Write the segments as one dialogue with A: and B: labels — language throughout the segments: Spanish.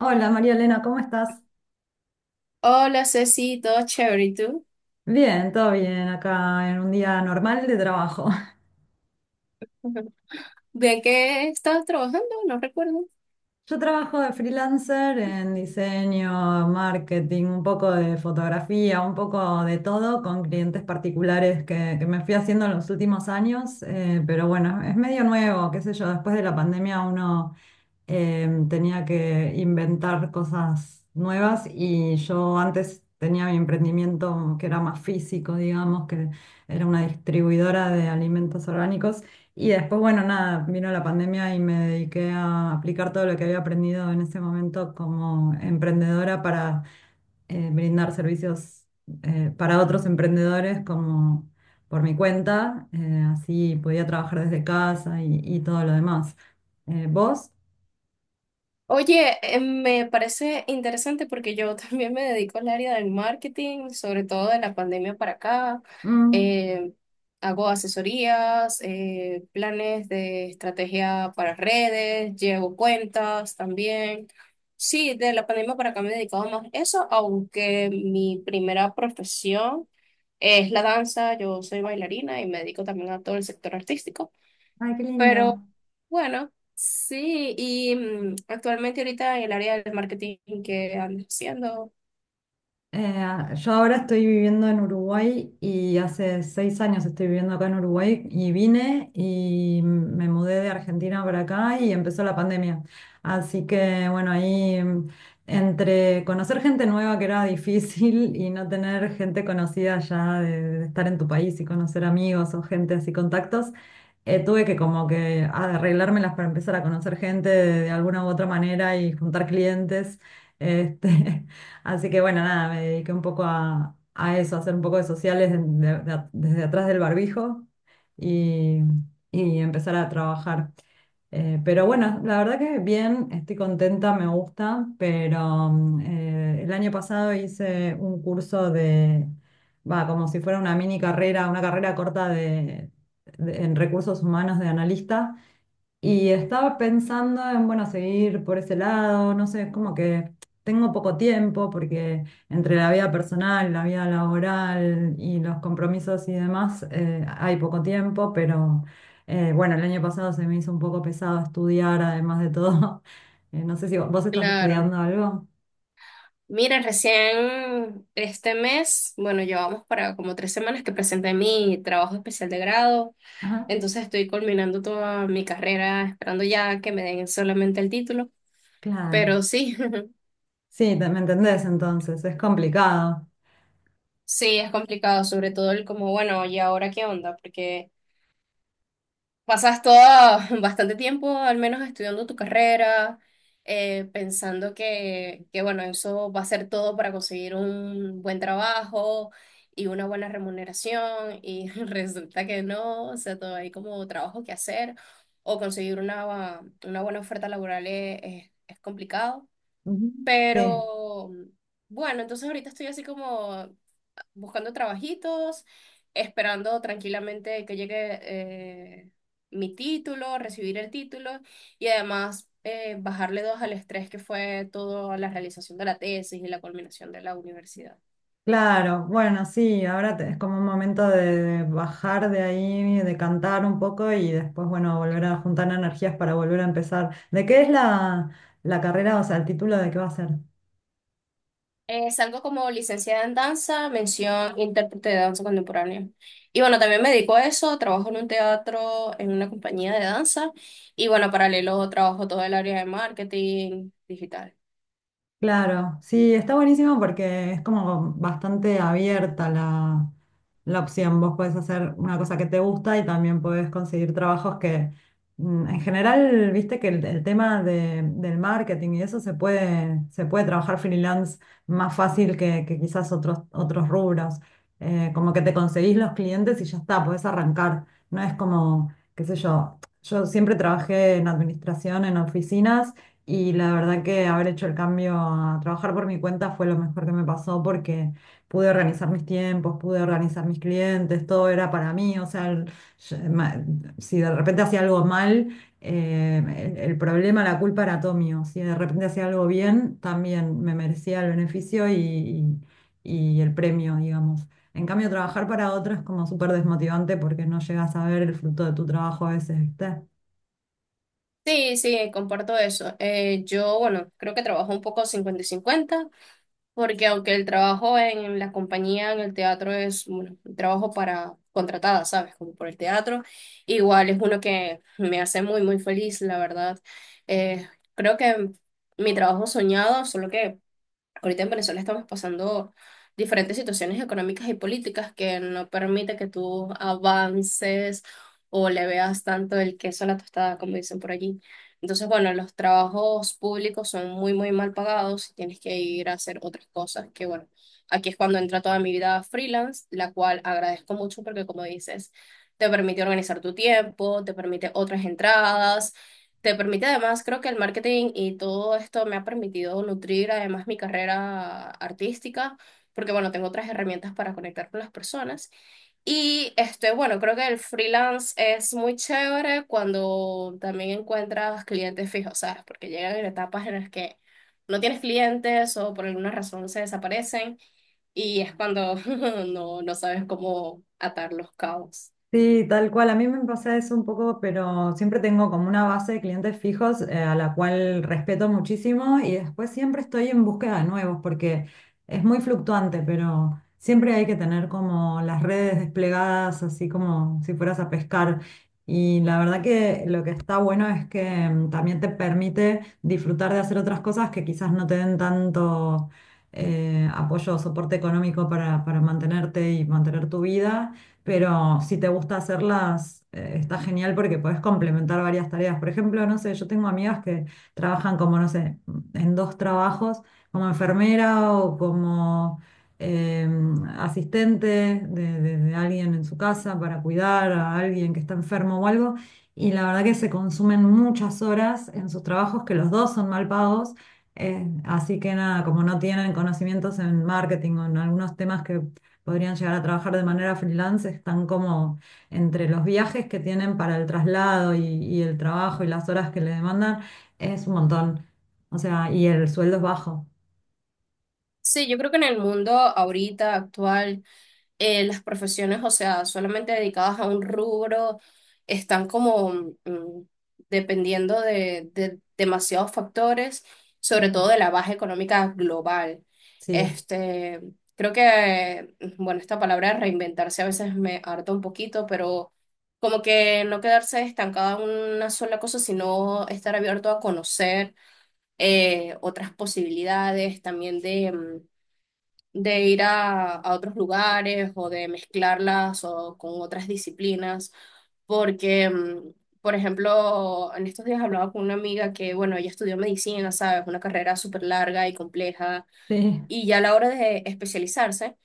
A: Hola María Elena, ¿cómo estás?
B: Hola Ceci, todo chévere, ¿y tú?
A: Bien, todo bien acá en un día normal de trabajo.
B: ¿De qué estabas trabajando? No recuerdo.
A: Yo trabajo de freelancer en diseño, marketing, un poco de fotografía, un poco de todo con clientes particulares que me fui haciendo en los últimos años, pero bueno, es medio nuevo, qué sé yo, después de la pandemia uno tenía que inventar cosas nuevas y yo antes tenía mi emprendimiento que era más físico, digamos, que era una distribuidora de alimentos orgánicos y después, bueno, nada, vino la pandemia y me dediqué a aplicar todo lo que había aprendido en ese momento como emprendedora para brindar servicios para otros emprendedores como... por mi cuenta, así podía trabajar desde casa y todo lo demás. ¿Vos?
B: Oye, me parece interesante porque yo también me dedico al área del marketing, sobre todo de la pandemia para acá.
A: Mm.
B: Eh, hago asesorías, planes de estrategia para redes, llevo cuentas también. Sí, de la pandemia para acá me he dedicado más a eso, aunque mi primera profesión es la danza. Yo soy bailarina y me dedico también a todo el sector artístico.
A: Ay, qué
B: Pero
A: lindo.
B: bueno, sí, y actualmente ahorita en el área del marketing que ando haciendo.
A: Eh, yo ahora estoy viviendo en Uruguay y hace 6 años estoy viviendo acá en Uruguay y vine y me mudé de Argentina para acá y empezó la pandemia. Así que bueno, ahí entre conocer gente nueva que era difícil y no tener gente conocida ya de estar en tu país y conocer amigos o gente así contactos, tuve que como que arreglármelas para empezar a conocer gente de alguna u otra manera y juntar clientes. Este, así que bueno, nada, me dediqué un poco a eso, a hacer un poco de sociales desde atrás del barbijo y, y empezar a trabajar. Pero bueno, la verdad que bien, estoy contenta, me gusta, pero el año pasado hice un curso de, va, como si fuera una mini carrera, una carrera corta de, en recursos humanos de analista y estaba pensando en, bueno, seguir por ese lado, no sé, es como que tengo poco tiempo porque entre la vida personal, la vida laboral y los compromisos y demás, hay poco tiempo, pero bueno, el año pasado se me hizo un poco pesado estudiar, además de todo. No sé si vos estás
B: Claro.
A: estudiando algo.
B: Mira, recién este mes, bueno, llevamos para como tres semanas que presenté mi trabajo especial de grado,
A: Ajá,
B: entonces estoy culminando toda mi carrera, esperando ya que me den solamente el título,
A: claro.
B: pero sí,
A: Sí, me entendés entonces, es complicado.
B: sí, es complicado, sobre todo el como, bueno, ¿y ahora qué onda? Porque pasas todo bastante tiempo, al menos estudiando tu carrera, pensando que, bueno, eso va a ser todo para conseguir un buen trabajo y una buena remuneración, y resulta que no, o sea, todo hay como trabajo que hacer, o conseguir una buena oferta laboral es complicado,
A: Ujú. Sí.
B: pero bueno, entonces ahorita estoy así como buscando trabajitos, esperando tranquilamente que llegue mi título, recibir el título y además bajarle dos al estrés que fue toda la realización de la tesis y la culminación de la universidad.
A: Claro, bueno, sí, ahora es como un momento de bajar de ahí, de cantar un poco y después, bueno, volver a juntar energías para volver a empezar. ¿De qué es la carrera, o sea, el título de qué va a ser?
B: Salgo como licenciada en danza, mención intérprete de danza contemporánea. Y bueno, también me dedico a eso, trabajo en un teatro, en una compañía de danza y bueno, paralelo trabajo todo el área de marketing digital.
A: Claro, sí, está buenísimo porque es como bastante abierta la opción. Vos podés hacer una cosa que te gusta y también podés conseguir trabajos que, mm, en general, viste que el tema del marketing y eso se puede trabajar freelance más fácil que quizás otros, otros rubros. Como que te conseguís los clientes y ya está, podés arrancar. No es como, qué sé yo, yo siempre trabajé en administración, en oficinas. Y la verdad que haber hecho el cambio a trabajar por mi cuenta fue lo mejor que me pasó porque pude organizar mis tiempos, pude organizar mis clientes, todo era para mí. O sea, yo- ma- si de repente hacía algo mal, eh, el problema, la culpa era todo mío. Si de repente hacía algo bien, también me merecía el beneficio y el premio, digamos. En cambio, trabajar para otros es como súper desmotivante porque no llegas a ver el fruto de tu trabajo a veces, ¿viste?
B: Sí, sí, comparto eso. Yo, bueno, creo que trabajo un poco 50 y 50, porque aunque el trabajo en la compañía, en el teatro es, bueno, un trabajo para contratada, ¿sabes? Como por el teatro, igual es uno que me hace muy, muy feliz, la verdad. Eh, Creo que mi trabajo soñado, solo que ahorita en Venezuela estamos pasando diferentes situaciones económicas y políticas que no permite que tú avances o le veas tanto el queso a la tostada, como dicen por allí. Entonces, bueno, los trabajos públicos son muy, muy mal pagados y tienes que ir a hacer otras cosas que, bueno, aquí es cuando entra toda mi vida freelance, la cual agradezco mucho porque, como dices, te permite organizar tu tiempo, te permite otras entradas, te permite además, creo que el marketing y todo esto me ha permitido nutrir además mi carrera artística, porque bueno, tengo otras herramientas para conectar con las personas. Y este, bueno, creo que el freelance es muy chévere cuando también encuentras clientes fijos, ¿sabes? Porque llegan en etapas en las que no tienes clientes o por alguna razón se desaparecen y es cuando no, no sabes cómo atar los cabos.
A: Sí, tal cual. A mí me pasa eso un poco, pero siempre tengo como una base de clientes fijos a la cual respeto muchísimo y después siempre estoy en búsqueda de nuevos porque es muy fluctuante, pero siempre hay que tener como las redes desplegadas, así como si fueras a pescar. Y la verdad que lo que está bueno es que también te permite disfrutar de hacer otras cosas que quizás no te den tanto apoyo o soporte económico para mantenerte y mantener tu vida. Pero si te gusta hacerlas, está genial porque podés complementar varias tareas. Por ejemplo, no sé, yo tengo amigas que trabajan como, no sé, en dos trabajos, como enfermera o como eh, asistente de alguien en su casa para cuidar a alguien que está enfermo o algo. Y la verdad que se consumen muchas horas en sus trabajos, que los dos son mal pagos. Así que nada, como no tienen conocimientos en marketing o en algunos temas que podrían llegar a trabajar de manera freelance están como entre los viajes que tienen para el traslado y el trabajo y las horas que le demandan, es un montón. O sea, y el sueldo es bajo.
B: Sí, yo creo que en el mundo ahorita actual las profesiones, o sea, solamente dedicadas a un rubro, están como dependiendo de demasiados factores,
A: Sí,
B: sobre todo de la baja económica global.
A: sí,
B: Este, creo que, bueno, esta palabra reinventarse a veces me harta un poquito, pero como que no quedarse estancada en una sola cosa, sino estar abierto a conocer otras posibilidades también de de ir a otros lugares o de mezclarlas o con otras disciplinas, porque, por ejemplo, en estos días hablaba con una amiga que, bueno, ella estudió medicina, ¿sabes? Una carrera súper larga y compleja,
A: sí,
B: y ya a la hora de especializarse,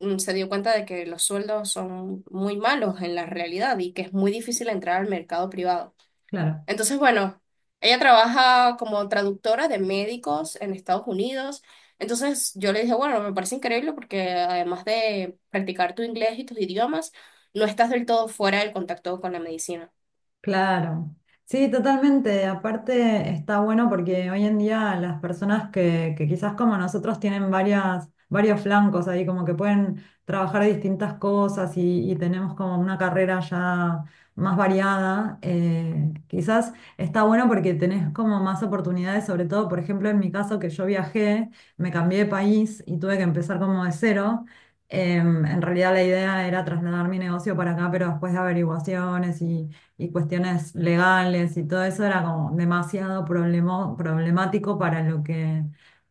B: se dio cuenta de que los sueldos son muy malos en la realidad y que es muy difícil entrar al mercado privado.
A: claro.
B: Entonces, bueno, ella trabaja como traductora de médicos en Estados Unidos. Entonces, yo le dije, bueno, me parece increíble porque además de practicar tu inglés y tus idiomas, no estás del todo fuera del contacto con la medicina.
A: Claro, sí, totalmente. Aparte está bueno porque hoy en día las personas que quizás como nosotros tienen varios flancos ahí, como que pueden trabajar distintas cosas y tenemos como una carrera ya más variada, quizás está bueno porque tenés como más oportunidades, sobre todo, por ejemplo, en mi caso que yo viajé, me cambié de país y tuve que empezar como de cero. En realidad la idea era trasladar mi negocio para acá, pero después de averiguaciones y cuestiones legales y todo eso era como demasiado problemático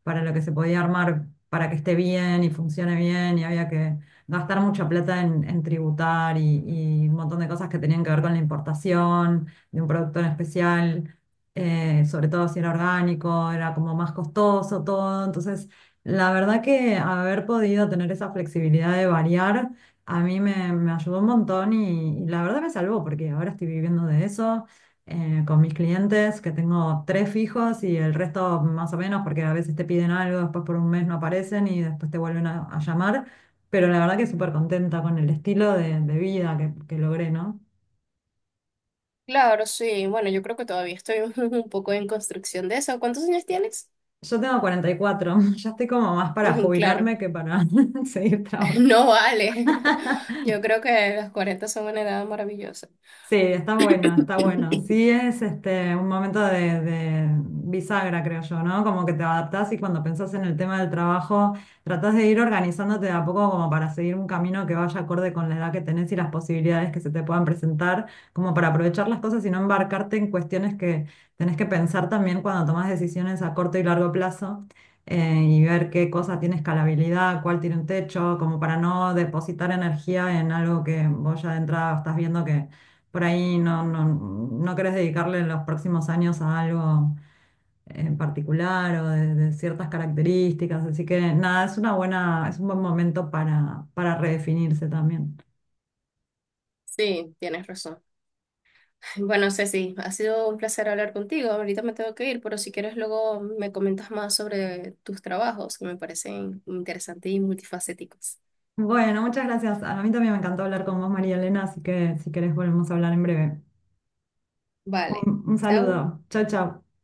A: para lo que se podía armar, para que esté bien y funcione bien y había que gastar mucha plata en tributar y un montón de cosas que tenían que ver con la importación de un producto en especial, sobre todo si era orgánico, era como más costoso todo, entonces... La verdad que haber podido tener esa flexibilidad de variar me ayudó un montón y la verdad me salvó porque ahora estoy viviendo de eso, con mis clientes, que tengo tres fijos y el resto más o menos porque a veces te piden algo, después por un mes no aparecen y después te vuelven a llamar, pero la verdad que súper contenta con el estilo de vida que logré, ¿no?
B: Claro, sí. Bueno, yo creo que todavía estoy un poco en construcción de eso. ¿Cuántos años tienes?
A: Yo tengo 44. Ya estoy como más para
B: Ujú, claro,
A: jubilarme que para seguir trabajando.
B: no vale. Yo creo que los 40 son una edad maravillosa.
A: Sí, está bueno, está bueno. Sí, es este un momento de bisagra, creo yo, ¿no? Como que te adaptás y cuando pensás en el tema del trabajo, tratás de ir organizándote de a poco como para seguir un camino que vaya acorde con la edad que tenés y las posibilidades que se te puedan presentar, como para aprovechar las cosas y no embarcarte en cuestiones que tenés que pensar también cuando tomás decisiones a corto y largo plazo. Y ver qué cosa tiene escalabilidad, cuál tiene un techo, como para no depositar energía en algo que vos ya de entrada estás viendo que por ahí no querés dedicarle los próximos años a algo en particular o de ciertas características. Así que nada, es una buena, es un buen momento para redefinirse también.
B: Sí, tienes razón. Bueno, Ceci, ha sido un placer hablar contigo. Ahorita me tengo que ir, pero si quieres luego me comentas más sobre tus trabajos, que me parecen interesantes y multifacéticos.
A: Bueno, muchas gracias. A mí también me encantó hablar con vos, María Elena, así que si querés volvemos a hablar en breve.
B: Vale,
A: Un
B: chao.
A: saludo. Chao, chao.